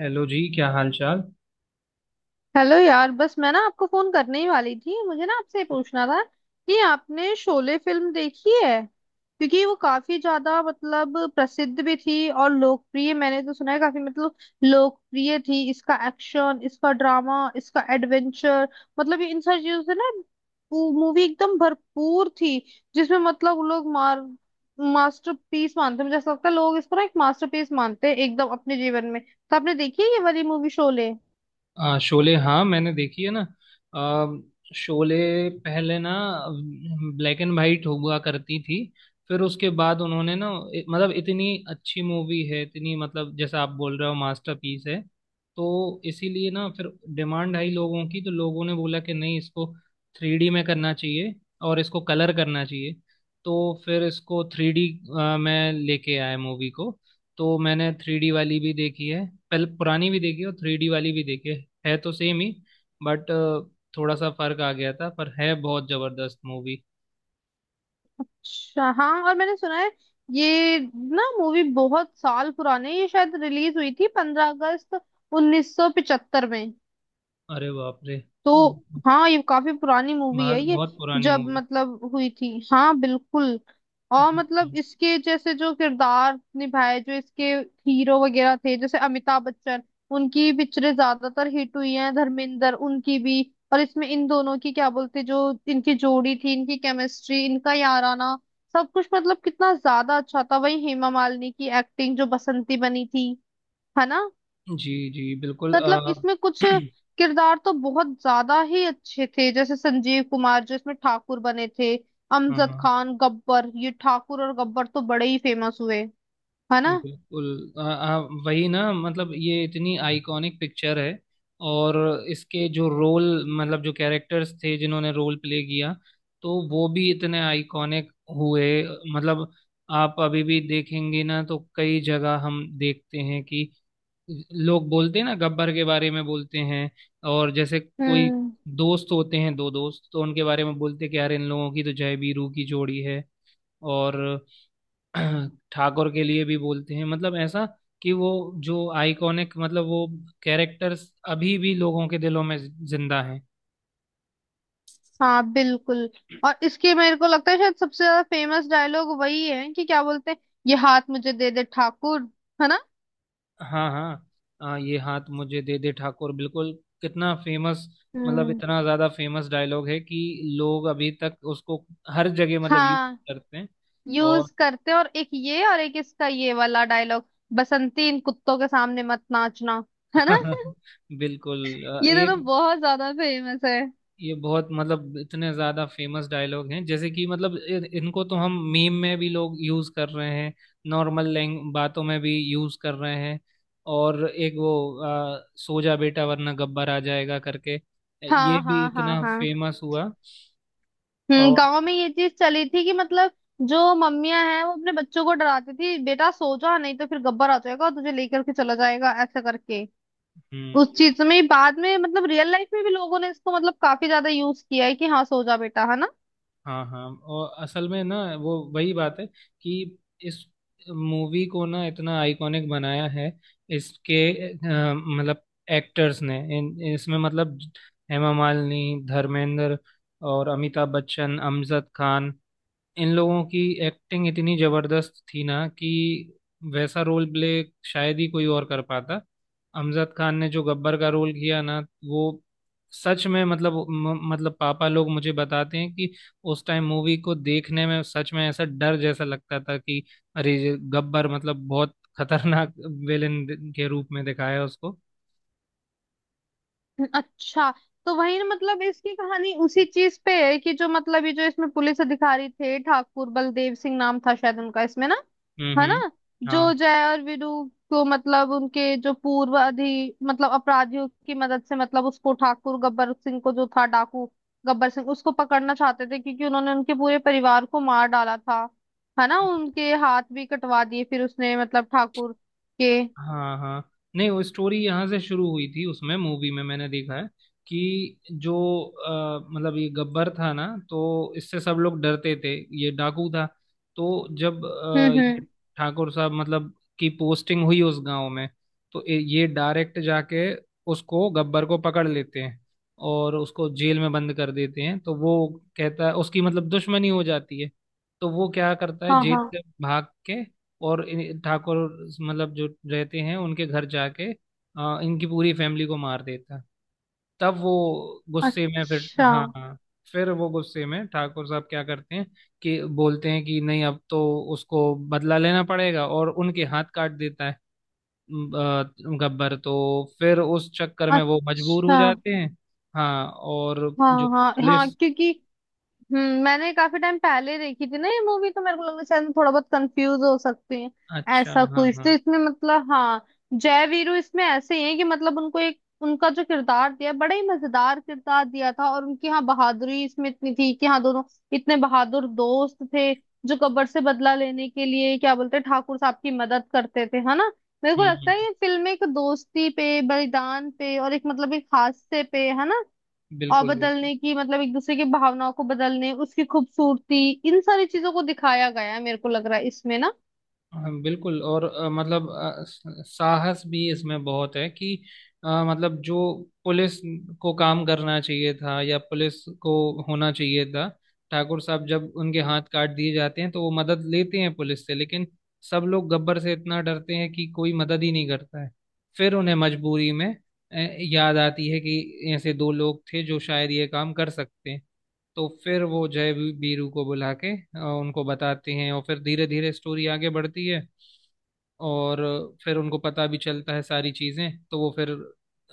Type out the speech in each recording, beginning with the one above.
Hello ji क्या हाल चाल हेलो यार। बस मैं ना आपको फोन करने ही वाली थी। मुझे ना आपसे पूछना था कि आपने शोले फिल्म देखी है, क्योंकि वो काफी ज्यादा मतलब प्रसिद्ध भी थी और लोकप्रिय। मैंने तो सुना है काफी मतलब लोकप्रिय थी। इसका एक्शन, इसका ड्रामा, इसका एडवेंचर, मतलब ये इन सारी चीजों से ना मूवी एकदम भरपूर थी। जिसमें मतलब लोग मार मास्टरपीस मानते हैं, मुझे ऐसा लगता है लोग इसको ना एक मास्टरपीस मानते हैं एकदम अपने जीवन में। तो आपने देखी है ये वाली मूवी शोले? शोले, हाँ मैंने देखी है ना। आ, शोले पहले ना ब्लैक एंड वाइट हुआ करती थी। फिर उसके बाद उन्होंने ना मतलब इतनी अच्छी मूवी है, इतनी, मतलब जैसा आप बोल रहे हो मास्टरपीस है। तो इसीलिए ना फिर डिमांड आई लोगों की, तो लोगों ने बोला कि नहीं, इसको थ्री डी में करना चाहिए और इसको कलर करना चाहिए। तो फिर इसको थ्री डी में लेके आए मूवी को। तो मैंने थ्री डी वाली भी देखी है, पहले पुरानी भी देखी है और थ्री डी वाली भी देखी है। है तो सेम ही, बट थोड़ा सा फर्क आ गया था, पर है बहुत जबरदस्त मूवी। अच्छा हाँ, और मैंने सुना है ये ना मूवी बहुत साल पुरानी है। ये शायद रिलीज हुई थी 15 अगस्त 1975 में। अरे बाप रे! तो बहुत, हाँ, ये काफी पुरानी मूवी है ये बहुत पुरानी जब मूवी। मतलब हुई थी। हाँ बिल्कुल। और मतलब इसके जैसे जो किरदार निभाए, जो इसके हीरो वगैरह थे जैसे अमिताभ बच्चन, उनकी पिक्चरें ज्यादातर हिट हुई हैं। धर्मेंद्र, उनकी भी। और इसमें इन दोनों की क्या बोलते, जो इनकी जोड़ी थी, इनकी केमिस्ट्री, इनका याराना, सब कुछ मतलब कितना ज्यादा अच्छा था। वही हेमा मालिनी की एक्टिंग, जो बसंती बनी थी, है ना। जी जी बिल्कुल। मतलब इसमें कुछ किरदार तो बहुत ज्यादा ही अच्छे थे, जैसे संजीव कुमार जो इसमें ठाकुर बने थे, हाँ अमजद हाँ खान गब्बर। ये ठाकुर और गब्बर तो बड़े ही फेमस हुए, है ना। बिल्कुल। आ, आ, वही ना, मतलब ये इतनी आइकॉनिक पिक्चर है। और इसके जो रोल, मतलब जो कैरेक्टर्स थे जिन्होंने रोल प्ले किया, तो वो भी इतने आइकॉनिक हुए। मतलब आप अभी भी देखेंगे ना तो कई जगह हम देखते हैं कि लोग बोलते हैं ना, गब्बर के बारे में बोलते हैं। और जैसे कोई हम्म। दोस्त होते हैं, दो दोस्त, तो उनके बारे में बोलते हैं कि यार इन लोगों की तो जय वीरू की जोड़ी है। और ठाकुर के लिए भी बोलते हैं, मतलब ऐसा, कि वो जो आइकॉनिक, मतलब वो कैरेक्टर्स अभी भी लोगों के दिलों में जिंदा हैं। हाँ बिल्कुल। और इसके मेरे को लगता है शायद सबसे ज्यादा फेमस डायलॉग वही है कि क्या बोलते हैं, ये हाथ मुझे दे दे ठाकुर, है ना। हाँ हाँ। ये हाथ मुझे दे दे ठाकुर, बिल्कुल। कितना फेमस! मतलब हम्म। इतना ज्यादा फेमस डायलॉग है कि लोग अभी तक उसको हर जगह मतलब यूज हाँ, करते हैं। और यूज करते हैं। और एक ये, और एक इसका ये वाला डायलॉग, बसंती इन कुत्तों के सामने मत नाचना, है ना। बिल्कुल। आ, ये तो एक बहुत ज्यादा फेमस है। ये बहुत, मतलब इतने ज्यादा फेमस डायलॉग हैं जैसे कि, मतलब इनको तो हम मीम में भी लोग यूज कर रहे हैं, नॉर्मल लैंग बातों में भी यूज कर रहे हैं। और एक वो, सो जा बेटा वरना गब्बर आ जाएगा करके, ये हाँ भी हाँ हाँ इतना हाँ। फेमस हुआ। और गांव में ये चीज चली थी कि मतलब जो मम्मियां हैं वो अपने बच्चों को डराती थी, बेटा सो जा नहीं तो फिर गब्बर आ जाएगा और तुझे लेकर के चला जाएगा, ऐसा करके। हम्म, उस चीज में बाद में मतलब रियल लाइफ में भी लोगों ने इसको मतलब काफी ज्यादा यूज किया है कि हाँ सो जा बेटा, है ना। हाँ हाँ। और असल में ना, वो वही बात है कि इस मूवी को ना इतना आइकॉनिक बनाया है इसके मतलब एक्टर्स ने। इन इसमें मतलब हेमा मालिनी, धर्मेंद्र और अमिताभ बच्चन, अमजद खान, इन लोगों की एक्टिंग इतनी जबरदस्त थी ना कि वैसा रोल प्ले शायद ही कोई और कर पाता। अमजद खान ने जो गब्बर का रोल किया ना, वो सच में, मतलब मतलब पापा लोग मुझे बताते हैं कि उस टाइम मूवी को देखने में सच में ऐसा डर जैसा लगता था कि अरे ये गब्बर, मतलब बहुत खतरनाक विलेन के रूप में दिखाया उसको। अच्छा। तो वही ना, मतलब इसकी कहानी उसी चीज पे है कि जो मतलब ये जो इसमें पुलिस अधिकारी थे, ठाकुर बलदेव सिंह नाम था शायद उनका इसमें ना, है ना। हम्म, जो हाँ जय और वीरू को मतलब उनके जो पूर्व अधि मतलब अपराधियों की मदद से मतलब उसको ठाकुर, गब्बर सिंह को जो था डाकू गब्बर सिंह, उसको पकड़ना चाहते थे क्योंकि उन्होंने उनके पूरे परिवार को मार डाला था, है ना। उनके हाथ भी कटवा दिए फिर उसने मतलब ठाकुर के। हाँ हाँ। नहीं, वो स्टोरी यहाँ से शुरू हुई थी, उसमें मूवी में मैंने देखा है कि जो मतलब ये गब्बर था ना तो इससे सब लोग डरते थे। ये डाकू था। तो जब हम्म। ये ठाकुर साहब, मतलब की पोस्टिंग हुई उस गांव में, तो ये डायरेक्ट जाके उसको, गब्बर को, पकड़ लेते हैं और उसको जेल में बंद कर देते हैं। तो वो कहता है, उसकी मतलब दुश्मनी हो जाती है। तो वो क्या करता है, हाँ जेल हाँ से भाग के, और ठाकुर, मतलब जो रहते हैं उनके घर जाके, इनकी पूरी फैमिली को मार देता है। तब वो गुस्से में फिर, अच्छा। हाँ हाँ, फिर वो गुस्से में ठाकुर साहब क्या करते हैं कि बोलते हैं कि नहीं, अब तो उसको बदला लेना पड़ेगा, और उनके हाथ काट देता है अ, गब्बर तो। फिर उस चक्कर में वो मजबूर हो अच्छा। जाते हैं। हाँ, और जो हाँ हाँ हाँ, पुलिस, क्योंकि मैंने काफी टाइम पहले देखी थी ना ये मूवी, तो मेरे को लगा शायद मैं थोड़ा बहुत कंफ्यूज हो सकती है। अच्छा, ऐसा हाँ कुछ तो हाँ, इसमें मतलब हाँ, जय वीरू इसमें ऐसे ही है कि मतलब उनको एक उनका जो किरदार दिया, बड़ा ही मजेदार किरदार दिया था। और उनकी हाँ बहादुरी इसमें इतनी थी कि हाँ, दोनों इतने बहादुर दोस्त थे जो गब्बर से बदला लेने के लिए क्या बोलते हैं, ठाकुर साहब की मदद करते थे, है ना। मेरे को लगता हम्म, है ये फिल्म एक दोस्ती पे, बलिदान पे, और एक मतलब एक हादसे पे, है ना। और बिल्कुल बिल्कुल। बदलने की मतलब एक दूसरे की भावनाओं को बदलने, उसकी खूबसूरती, इन सारी चीजों को दिखाया गया है मेरे को लग रहा है इसमें ना। हाँ बिल्कुल। और मतलब साहस भी इसमें बहुत है कि मतलब जो पुलिस को काम करना चाहिए था, या पुलिस को होना चाहिए था। ठाकुर साहब जब उनके हाथ काट दिए जाते हैं तो वो मदद लेते हैं पुलिस से, लेकिन सब लोग गब्बर से इतना डरते हैं कि कोई मदद ही नहीं करता है। फिर उन्हें मजबूरी में याद आती है कि ऐसे दो लोग थे जो शायद ये काम कर सकते हैं। तो फिर वो जय बीरू को बुला के उनको बताते हैं, और फिर धीरे धीरे स्टोरी आगे बढ़ती है। और फिर उनको पता भी चलता है सारी चीजें, तो वो फिर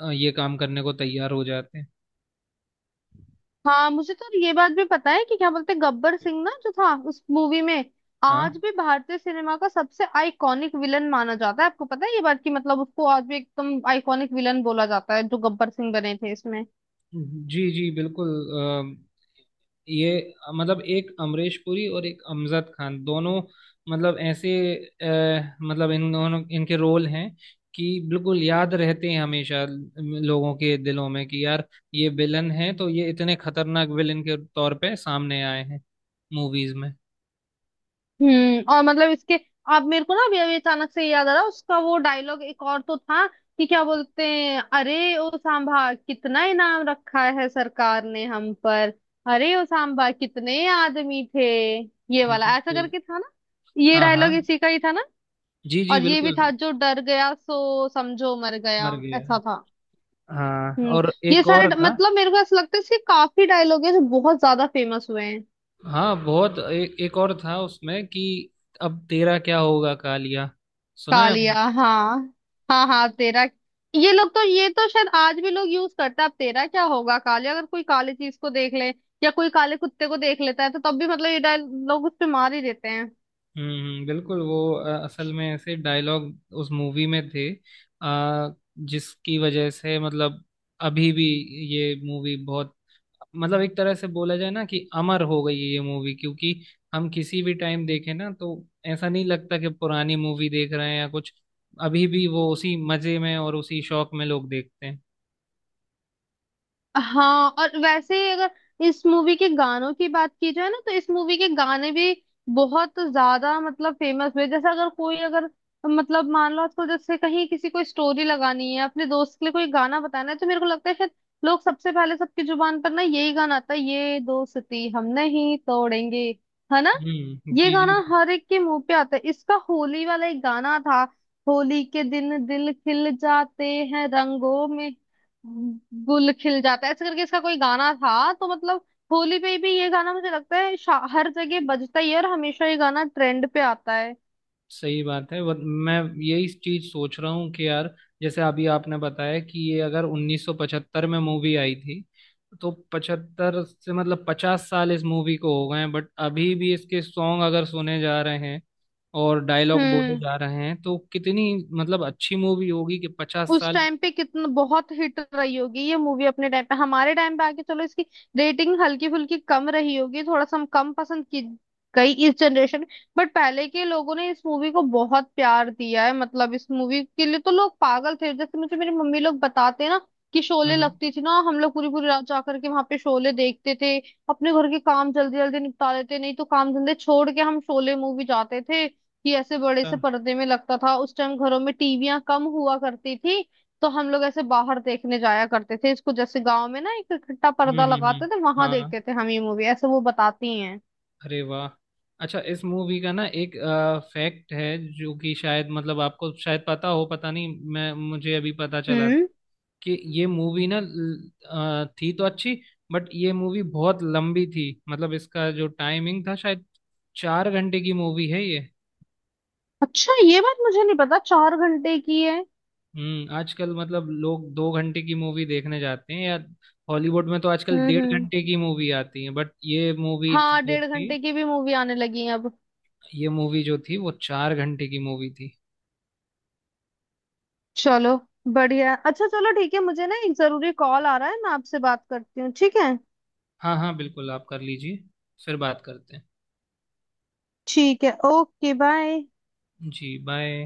ये काम करने को तैयार हो जाते हैं। हाँ मुझे तो ये बात भी पता है कि क्या बोलते हैं, गब्बर सिंह ना जो था उस मूवी में, आज हाँ। भी भारतीय सिनेमा का सबसे आइकॉनिक विलन माना जाता है। आपको पता है ये बात कि मतलब उसको आज भी एकदम आइकॉनिक विलन बोला जाता है, जो गब्बर सिंह बने थे इसमें। जी जी बिल्कुल। ये मतलब एक अमरीश पुरी और एक अमजद खान, दोनों, मतलब ऐसे मतलब इन दोनों, इनके रोल हैं कि बिल्कुल याद रहते हैं हमेशा लोगों के दिलों में कि यार ये विलन है, तो ये इतने खतरनाक विलन के तौर पे सामने आए हैं मूवीज में। और मतलब इसके आप मेरे को ना अभी अभी अचानक से याद आ रहा उसका वो डायलॉग एक और तो था कि क्या बोलते हैं, अरे ओ सांभा कितना इनाम रखा है सरकार ने हम पर, अरे ओ सांभा कितने आदमी थे, ये वाला ऐसा बिल्कुल। करके था ना। ये हाँ हाँ, डायलॉग इसी का ही था ना। जी जी और ये भी बिल्कुल। था, जो डर गया सो समझो मर गया, मर गया ऐसा है। था। हाँ, हम्म और ये एक सारे और था। मतलब मेरे को ऐसा लगता है इसके काफी डायलॉग है जो बहुत ज्यादा फेमस हुए हैं। हाँ बहुत, एक और था उसमें कि अब तेरा क्या होगा कालिया, सुना है कालिया, आपने? हाँ। हाँ हाँ तेरा, ये लोग तो ये तो शायद आज भी लोग यूज करते हैं, अब तेरा क्या होगा कालिया। अगर कोई काली चीज को देख ले या कोई काले कुत्ते को देख लेता है तो तब भी मतलब ये डायल लोग उस पे मार ही देते हैं। बिल्कुल वो असल में ऐसे डायलॉग उस मूवी में थे अ, जिसकी वजह से, मतलब अभी भी ये मूवी बहुत, मतलब एक तरह से बोला जाए ना कि अमर हो गई है ये मूवी, क्योंकि हम किसी भी टाइम देखें ना तो ऐसा नहीं लगता कि पुरानी मूवी देख रहे हैं या कुछ। अभी भी वो उसी मजे में और उसी शौक में लोग देखते हैं। हाँ, और वैसे ही अगर इस मूवी के गानों की बात की जाए ना, तो इस मूवी के गाने भी बहुत ज्यादा मतलब फेमस हुए। जैसे अगर कोई, अगर मतलब मान लो आजकल जैसे कहीं किसी को स्टोरी लगानी है अपने दोस्त के लिए, कोई गाना बताना है, तो मेरे को लगता है शायद लोग सबसे पहले, सबकी जुबान पर ना, यही गाना आता है, ये दोस्ती हम नहीं तोड़ेंगे, है ना। हम्म, ये जी गाना जी। हर एक के मुंह पे आता है। इसका होली वाला एक गाना था, होली के दिन दिल खिल जाते हैं रंगों में गुल खिल जाता है, ऐसे करके इसका कोई गाना था। तो मतलब होली पे भी ये गाना मुझे लगता है हर जगह बजता ही है और हमेशा ये गाना ट्रेंड पे आता है। सही बात है। मैं यही चीज सोच रहा हूँ कि यार, जैसे अभी आपने बताया कि ये अगर 1975 में मूवी आई थी, तो 75 से मतलब 50 साल इस मूवी को हो गए हैं, बट अभी भी इसके सॉन्ग अगर सुने जा रहे हैं और डायलॉग बोले हम्म जा रहे हैं, तो कितनी मतलब अच्छी मूवी होगी कि 50 उस साल। टाइम पे कितना बहुत हिट रही होगी ये मूवी अपने टाइम पे। हमारे टाइम पे आके चलो इसकी रेटिंग हल्की फुल्की कम रही होगी, थोड़ा सा हम कम पसंद की गई इस जनरेशन, बट पहले के लोगों ने इस मूवी को बहुत प्यार दिया है। मतलब इस मूवी के लिए तो लोग पागल थे। जैसे मुझे मेरी मम्मी लोग बताते हैं ना, कि शोले हम्म लगती थी ना, हम लोग पूरी पूरी रात जाकर के वहां पे शोले देखते थे। अपने घर के काम जल्दी जल्दी निपटा लेते, नहीं तो काम धंधे छोड़ के हम शोले मूवी जाते थे कि ऐसे बड़े से हम्म, पर्दे में लगता था। उस टाइम घरों में टीवियां कम हुआ करती थी, तो हम लोग ऐसे बाहर देखने जाया करते थे इसको, जैसे गांव में ना एक इकट्ठा पर्दा लगाते थे, वहां देखते हाँ, थे हम ये मूवी, ऐसे वो बताती हैं। अरे वाह! अच्छा, इस मूवी का ना एक फैक्ट है जो कि शायद, मतलब आपको शायद पता हो, पता नहीं, मैं मुझे अभी पता चला था हम्म कि ये मूवी ना थी तो अच्छी, बट ये मूवी बहुत लंबी थी, मतलब इसका जो टाइमिंग था, शायद 4 घंटे की मूवी है ये। अच्छा, ये बात मुझे नहीं पता, 4 घंटे की है। आजकल मतलब लोग 2 घंटे की मूवी देखने जाते हैं, या हॉलीवुड में तो आजकल डेढ़ हम्म। घंटे की मूवी आती है, बट हाँ, डेढ़ घंटे की भी मूवी आने लगी है अब। ये मूवी जो थी वो 4 घंटे की मूवी थी। चलो, बढ़िया। अच्छा चलो ठीक है, मुझे ना एक जरूरी कॉल आ रहा है, मैं आपसे बात करती हूँ, ठीक है। हाँ हाँ बिल्कुल, आप कर लीजिए। फिर बात करते ठीक है, ओके बाय। हैं जी, बाय।